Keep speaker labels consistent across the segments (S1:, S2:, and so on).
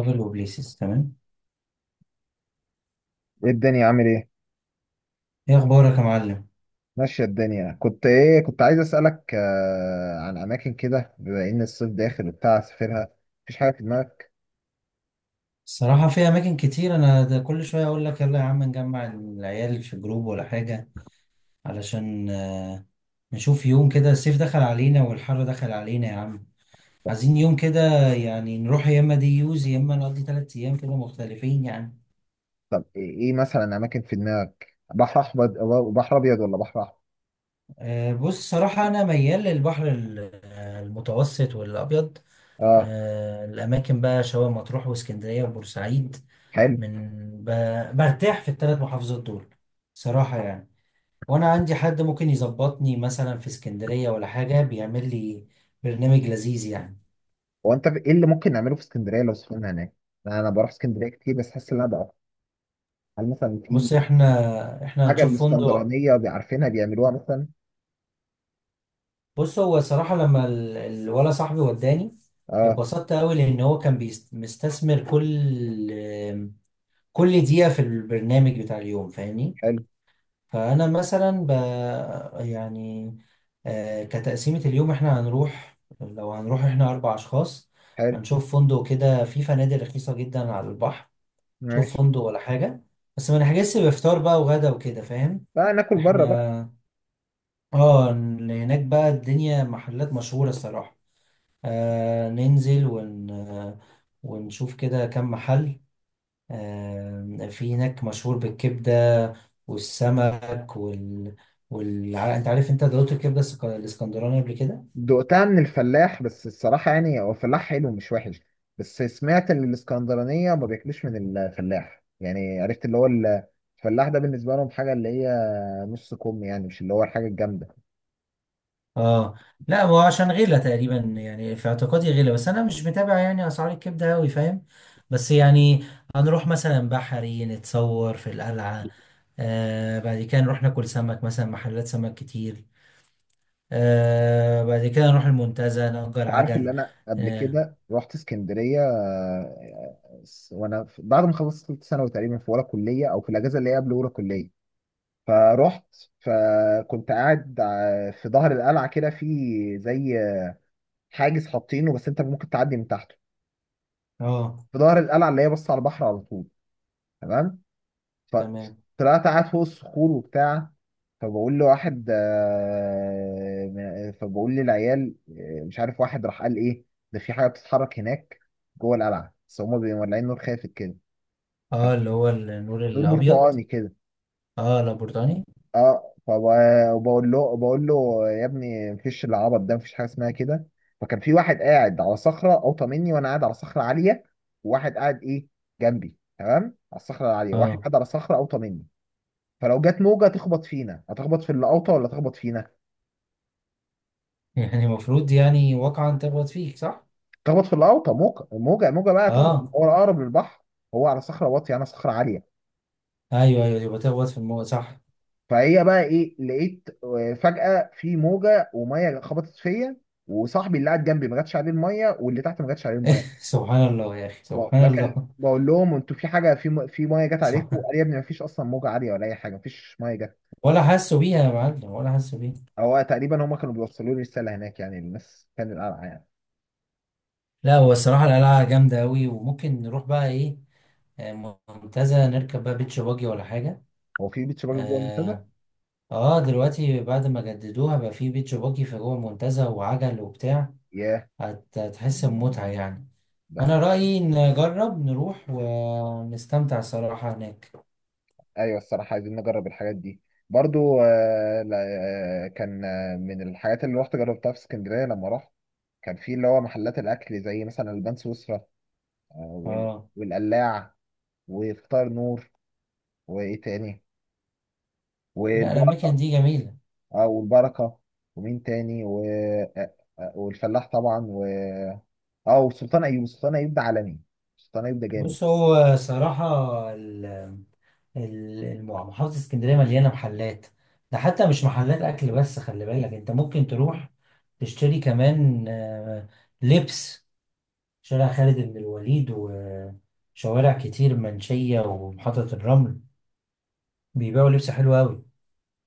S1: ترافل وبليسز تمام.
S2: ايه الدنيا عامل ايه؟
S1: ايه اخبارك يا معلم؟
S2: ماشية الدنيا. كنت عايز اسألك عن اماكن كده بما ان الصيف داخل وبتاع اسافرها. مفيش حاجة في دماغك؟
S1: الصراحه في اماكن كتير، انا ده كل شويه اقول لك يلا يا عم نجمع العيال في جروب ولا حاجه، علشان نشوف يوم كده، الصيف دخل علينا والحر دخل علينا يا عم، عايزين يوم كده، يعني نروح يا اما دي يوز يا اما نقضي 3 ايام كده مختلفين يعني.
S2: طب ايه. مثلا اماكن في دماغك، بحر احمر، بحر ابيض ولا بحر احمر؟
S1: بص، الصراحه انا ميال للبحر المتوسط والابيض.
S2: اه،
S1: الأماكن بقى شبه مطروح واسكندرية وبورسعيد.
S2: حلو.
S1: من ب... برتاح في الـ3 محافظات دول صراحة يعني. وأنا عندي حد ممكن يظبطني مثلا في اسكندرية ولا حاجة، بيعمل لي برنامج لذيذ يعني.
S2: هو انت ايه اللي ممكن نعمله في اسكندرية لو سافرنا هناك؟ أنا بروح اسكندرية كتير، بس حاسس ان انا بقى هل مثلا
S1: بص
S2: في
S1: احنا
S2: حاجة
S1: هنشوف فندق.
S2: الاسكندرانية بيعرفينها بيعملوها مثلا؟
S1: بص، هو صراحة لما الولا صاحبي وداني
S2: اه.
S1: اتبسطت قوي، لأن هو كان مستثمر كل دقيقة في البرنامج بتاع اليوم، فاهمني.
S2: حلو،
S1: فأنا مثلا ب... يعني آه، كتقسيمة اليوم احنا هنروح، لو هنروح احنا 4 أشخاص،
S2: حلو.
S1: هنشوف فندق كده، في فنادق رخيصة جدا على البحر، نشوف
S2: ماشي.
S1: فندق ولا حاجة، بس ما نحجزش بفطار بقى وغدا وكده، فاهم؟
S2: بقى ناكل بره بقى.
S1: احنا اه، هناك بقى الدنيا محلات مشهورة الصراحة. ننزل ون... آه، ونشوف كده كم محل. في هناك مشهور بالكبدة والسمك انت عارف انت دوت الكبدة الاسكندراني قبل كده؟
S2: دقتها من الفلاح بس الصراحة يعني هو فلاح حلو، مش وحش. بس سمعت ان الاسكندرانية ما بياكلوش من الفلاح، يعني عرفت اللي هو الفلاح ده بالنسبة لهم حاجة اللي هي نص كم، يعني مش اللي هو الحاجة الجامدة.
S1: اه. لا هو عشان غلا تقريبا يعني، في اعتقادي غلا، بس انا مش متابع يعني اسعار الكبده قوي، فاهم. بس يعني هنروح مثلا بحري، نتصور في القلعه. بعد كده نروح ناكل سمك، مثلا محلات سمك كتير. بعد كده نروح المنتزه نأجر
S2: انت عارف
S1: عجل.
S2: اللي انا قبل
S1: اه.
S2: كده رحت اسكندرية، بعد ما خلصت ثالثة ثانوي تقريبا، في اولى كلية او في الاجازة اللي هي قبل اولى كلية، فرحت. فكنت قاعد في ظهر القلعة كده، في زي حاجز حاطينه بس انت ممكن تعدي من تحته،
S1: اه.
S2: في ظهر القلعه اللي هي بص على البحر على طول، تمام؟
S1: تمام.
S2: فطلعت قاعد فوق الصخور وبتاع. فبقول للعيال، مش عارف، واحد راح قال ايه: ده في حاجه بتتحرك هناك جوه القلعه، بس هما بيبقوا مولعين نور خافت كده،
S1: اللي هو النور
S2: دور
S1: الابيض.
S2: برتقاني كده.
S1: اه، لابورتاني.
S2: اه. وبقول له يا ابني مفيش، العبط ده مفيش حاجه اسمها كده. فكان في واحد قاعد على صخره اوطى مني، وانا قاعد على صخره عاليه، وواحد قاعد جنبي، تمام، على الصخره العاليه، واحد
S1: اه.
S2: قاعد على صخره اوطى مني. فلو جت موجه تخبط فينا، هتخبط في اللي اوطى ولا تخبط فينا؟
S1: يعني المفروض يعني واقعا تخبط فيك، صح؟
S2: تخبط في اللي اوطى، موجه موجه موجه بقى تخبط،
S1: اه.
S2: هو اقرب للبحر، هو على صخره واطيه، انا صخره عاليه.
S1: ايوه ايوه، يبقى تخبط في الموضوع صح.
S2: فهي بقى ايه، لقيت فجاه في موجه وميه خبطت فيا، وصاحبي اللي قاعد جنبي ما جاتش عليه الميه، واللي تحت ما جاتش عليه الميه.
S1: سبحان الله يا اخي،
S2: ب-
S1: سبحان
S2: بكل
S1: الله.
S2: بقول لهم انتوا في حاجه، في ميه جت عليكم؟ قال
S1: سبحان.
S2: لي يا ابني ما فيش اصلا موجه عاليه ولا اي حاجه، ما فيش ميه جت.
S1: ولا حاسه بيها يا معلم، ولا حاسه بيها.
S2: هو تقريبا هم كانوا بيوصلوا لي رساله هناك، يعني الناس كانت قلقانه يعني.
S1: لا هو الصراحه القلعه جامده قوي، وممكن نروح بقى ايه، منتزه، نركب بقى بيتش باجي ولا حاجه.
S2: هو في بيتش باجي جوه المنتدى؟
S1: اه. دلوقتي بعد ما جددوها بقى في بيتش باجي في جوه المنتزه، وعجل وبتاع.
S2: ياه.
S1: هتحس بمتعه يعني. انا
S2: ده
S1: رايي نجرب نروح ونستمتع صراحه هناك.
S2: ايوه، الصراحه عايزين نجرب الحاجات دي. برضو لا، كان من الحاجات اللي رحت جربتها في اسكندريه لما رحت، كان في اللي هو محلات الاكل، زي مثلا البان سويسرا، آه وال-
S1: اه.
S2: والقلاع، وفطار نور، وايه تاني،
S1: لا، الاماكن دي جميله.
S2: او البركه، ومين تاني والفلاح طبعا، اه، وسلطان ايوب. سلطان ايوب ده عالمي، سلطان ايوب ده جامد.
S1: بص، هو صراحه ال- محافظه اسكندريه مليانه محلات. ده حتى مش محلات اكل بس، خلي بالك انت ممكن تروح تشتري كمان لبس. شارع خالد بن الوليد وشوارع كتير، منشيه ومحطه الرمل، بيبيعوا لبس حلو قوي.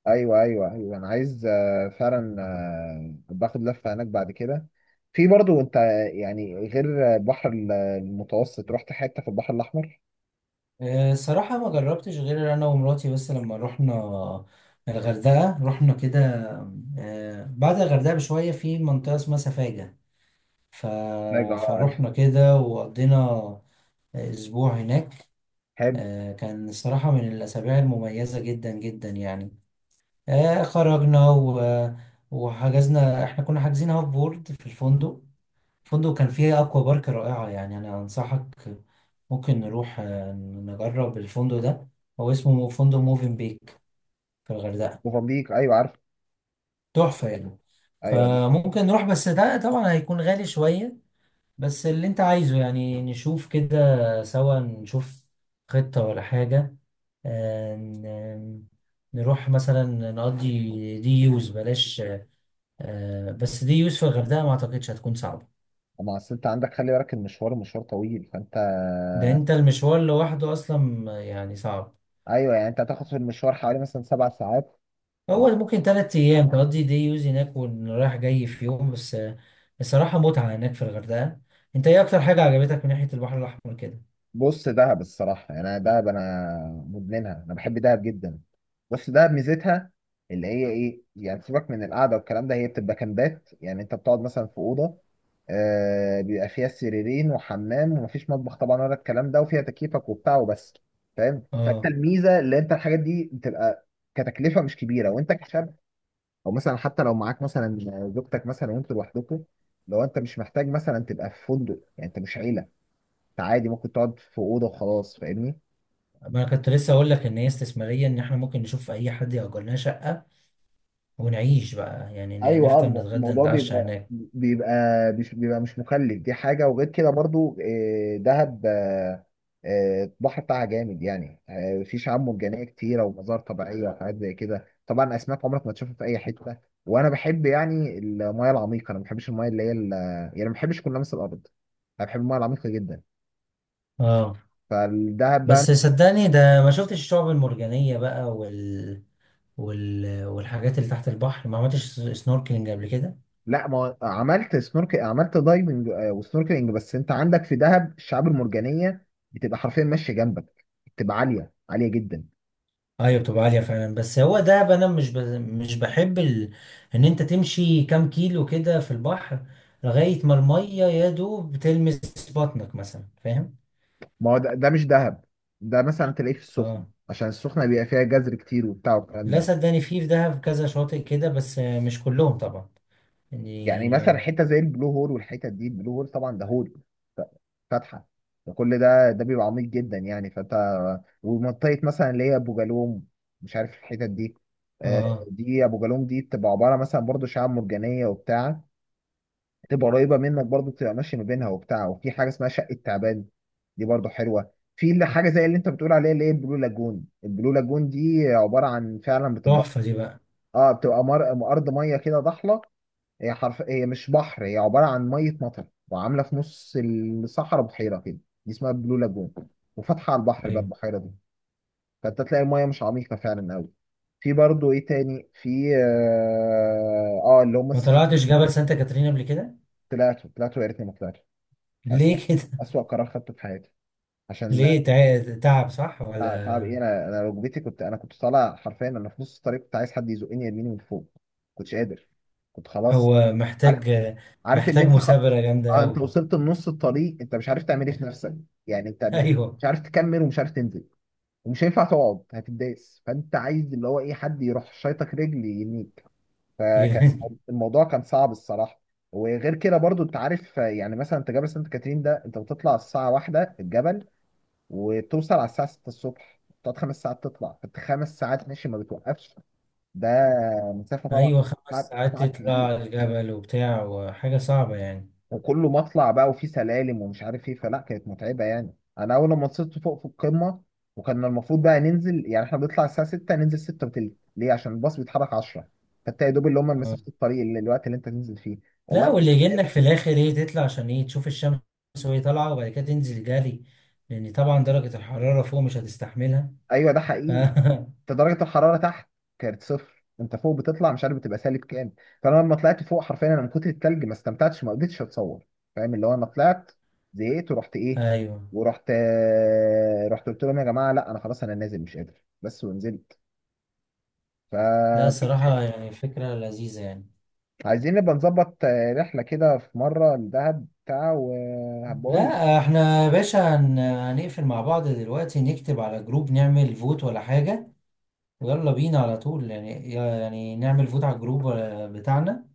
S2: ايوه، ايوه، ايوه، انا عايز فعلا باخد لفه هناك بعد كده. في برضو انت، يعني غير البحر المتوسط، رحت حته في البحر الاحمر؟
S1: صراحة ما جربتش، غير أنا ومراتي بس لما رحنا الغردقة، رحنا كده. بعد الغردقة بشوية في منطقة اسمها سفاجة، ف...
S2: لا اه عارف.
S1: فروحنا كده وقضينا أسبوع هناك.
S2: حلو.
S1: كان صراحة من الأسابيع المميزة جدا جدا يعني. خرجنا وحجزنا، احنا كنا حاجزين هاف بورد في الفندق، فندق كان فيه أكوا بارك رائعة يعني، أنا أنصحك ممكن نروح نجرب الفندق ده. هو اسمه فندق موفين بيك في الغردقة،
S2: موزمبيق ايوه عارف.
S1: تحفة يعني.
S2: ايوه دي.
S1: فممكن نروح، بس ده طبعا هيكون غالي شوية. بس اللي أنت عايزه يعني، نشوف كده سوا نشوف خطة ولا حاجة. آه، ن- نروح مثلا نقضي دي يوز بلاش. بس دي يوز في الغردقة ما أعتقدش هتكون صعبة.
S2: اما اصل انت عندك، خلي بالك المشوار مشوار طويل، فانت
S1: ده انت المشوار لوحده اصلا يعني صعب.
S2: ايوه، يعني انت هتاخد في المشوار حوالي مثلا 7 ساعات.
S1: هو ممكن 3 أيام تقضي دي يوز هناك، ورايح جاي في يوم بس. الصراحة متعة هناك في الغردقة. أنت إيه أكتر حاجة عجبتك من ناحية البحر الأحمر كده؟
S2: بص دهب، الصراحة يعني أنا دهب أنا مدمنها، أنا بحب دهب جدا. بص دهب ميزتها اللي هي إيه، يعني سيبك من القعدة والكلام ده، هي بتبقى كامبات، يعني أنت بتقعد مثلا في أوضة، آه، بيبقى فيها سريرين وحمام ومفيش مطبخ طبعا ولا الكلام ده، وفيها تكييفك وبتاع وبس، فاهم؟ فأنت
S1: آه.
S2: الميزة اللي أنت الحاجات دي بتبقى كتكلفة مش كبيرة، وأنت كشاب، أو مثلا حتى لو معاك مثلا زوجتك مثلا وأنتوا لوحدكم، لو أنت مش محتاج مثلا تبقى في فندق، يعني أنت مش عيلة، عادي ممكن تقعد في اوضه وخلاص، فاهمني؟
S1: ما أنا كنت لسه أقول لك إن هي استثمارية، إن إحنا ممكن نشوف أي حد يأجر لنا شقة، ونعيش بقى يعني،
S2: ايوه، اه،
S1: نفطر نتغدى
S2: الموضوع
S1: نتعشى
S2: بيبقى
S1: هناك.
S2: بيبقى مش مكلف، دي حاجه. وغير كده برضو دهب، البحر بتاعها جامد، يعني في شعاب مرجانيه كتيره ومزار طبيعيه وحاجات زي كده، طبعا اسماك عمرك ما تشوفها في اي حته. وانا بحب يعني المايه العميقه، انا ما بحبش المايه اللي هي يعني ما بحبش كل لمس الارض، انا بحب المايه العميقه جدا،
S1: آه.
S2: فالدهب بقى.
S1: بس صدقني، ده ما شفتش الشعب المرجانية بقى والحاجات اللي تحت البحر، ما عملتش سنوركلينج قبل كده.
S2: لا، ما هو عملت سنورك، عملت دايفنج وسنوركلينج. بس انت عندك في دهب الشعاب المرجانيه بتبقى حرفيا ماشيه جنبك، بتبقى عاليه عاليه جدا.
S1: ايوه، بتبقى عاليه فعلا، بس هو دهب انا مش بحب ان انت تمشي كام كيلو كده في البحر، لغايه ما الميه يا دوب بتلمس بطنك مثلا، فاهم.
S2: ما هو ده, مش دهب، ده مثلا تلاقيه في السخنه،
S1: اه،
S2: عشان السخنه بيبقى فيها جزر كتير وبتاع والكلام
S1: لا
S2: ده.
S1: صدقني، في في دهب كذا شاطئ كده، بس مش كلهم طبعا
S2: يعني مثلا
S1: يعني.
S2: حته زي البلو هول والحتت دي، البلو هول طبعا ده هول فاتحه، فكل ده بيبقى عميق جدا يعني. فانت ومنطقه مثلا اللي هي ابو جالوم، مش عارف الحتت دي، آه،
S1: اه،
S2: دي ابو جالوم دي بتبقى عباره مثلا برضو شعاب مرجانيه وبتاع، تبقى قريبه منك برضو، تبقى ماشي ما بينها وبتاع. وفي حاجه اسمها شقه تعبان، دي برضو حلوه. في اللي حاجه زي اللي انت بتقول عليها اللي هي البلو لاجون، البلو لاجون دي عباره عن، فعلا بتبقى،
S1: تحفه دي بقى.
S2: اه، بتبقى ارض ميه كده ضحله، هي حرف، هي مش بحر، هي عباره عن ميه مطر وعامله في نص الصحراء بحيره كده، دي اسمها البلو لاجون، وفاتحه على البحر بقى
S1: ايوه،
S2: البحيره دي، فانت تلاقي الميه مش عميقه فعلا قوي. في برضو ايه تاني، في اللي هم
S1: ما
S2: الثري.
S1: طلعتش جبل سانتا كاترين قبل كده؟
S2: طلعتوا، طلعتوا يا ريتني ما طلعت، أسوأ،
S1: ليه كده؟
S2: أسوأ قرار خدته في حياتي. عشان
S1: ليه تعب، صح
S2: تعب
S1: ولا؟
S2: إيه، أنا ركبتي، كنت طالع حرفيا، أنا في نص الطريق كنت عايز حد يزقني يرميني من فوق، كنتش قادر، كنت خلاص.
S1: هو
S2: عارف،
S1: محتاج،
S2: عارف اللي
S1: محتاج
S2: أنت خ...
S1: مثابره جامده
S2: آه أنت
S1: قوي.
S2: وصلت لنص الطريق، أنت مش عارف تعمل إيه في نفسك، يعني
S1: ايوه.
S2: مش عارف تكمل ومش عارف تنزل، ومش هينفع تقعد هتداس، فأنت عايز اللي هو إيه، حد يروح شايطك رجل ينيك. فكان الموضوع كان صعب الصراحة. وغير كده برضو انت عارف، يعني مثلا انت جبل سانت كاترين ده، انت بتطلع الساعة واحدة الجبل وتوصل على الساعة 6 الصبح، تقعد 5 ساعات تطلع، فانت 5 ساعات ماشي ما بتوقفش، ده مسافة طبعا.
S1: ايوه، خمس
S2: تعب،
S1: ساعات
S2: تعب كبير،
S1: تطلع الجبل وبتاع، وحاجه صعبه يعني.
S2: وكله مطلع بقى وفي سلالم ومش عارف ايه، فلا كانت متعبة يعني. انا اول لما وصلت فوق في القمة، وكان المفروض بقى ننزل، يعني احنا بنطلع الساعة 6، ننزل 6 وتلت، ليه؟ عشان الباص بيتحرك 10، فانت يا دوب اللي هم
S1: آه.
S2: مسافة الطريق اللي الوقت اللي انت تنزل فيه.
S1: لا،
S2: والله.
S1: واللي يجنك في الاخر ايه، تطلع عشان ايه، تشوف الشمس وهي طالعه، وبعد كده تنزل جري، لان طبعا درجه الحراره فوق مش هتستحملها.
S2: ايوه ده
S1: ف...
S2: حقيقي. انت درجه الحراره تحت كانت صفر، انت فوق بتطلع، مش عارف بتبقى سالب كام. فانا لما طلعت فوق حرفيا انا من كتر التلج ما استمتعتش، ما قدرتش اتصور، فاهم؟ اللي هو انا طلعت، زهقت، ورحت ايه،
S1: ايوه.
S2: ورحت آه، رحت قلت لهم يا جماعه لا انا خلاص انا نازل، مش قادر، بس، ونزلت.
S1: لا
S2: ف
S1: صراحه يعني فكره لذيذه يعني.
S2: عايزين نبقى نظبط رحله كده في مره لدهب بتاع وهبقول لك.
S1: لا احنا يا باشا هنقفل مع بعض دلوقتي، نكتب على جروب نعمل فوت ولا حاجه، ويلا بينا على طول يعني نعمل فوت على الجروب بتاعنا.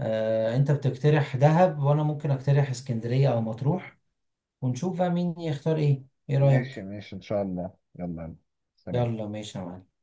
S1: انت بتقترح دهب، وانا ممكن اقترح اسكندرية او مطروح، ونشوف بقى مين يختار ايه. ايه
S2: ماشي،
S1: رأيك؟
S2: ماشي، ان شاء الله، يلا، يلا. سلام.
S1: يلا ماشي يا معلم.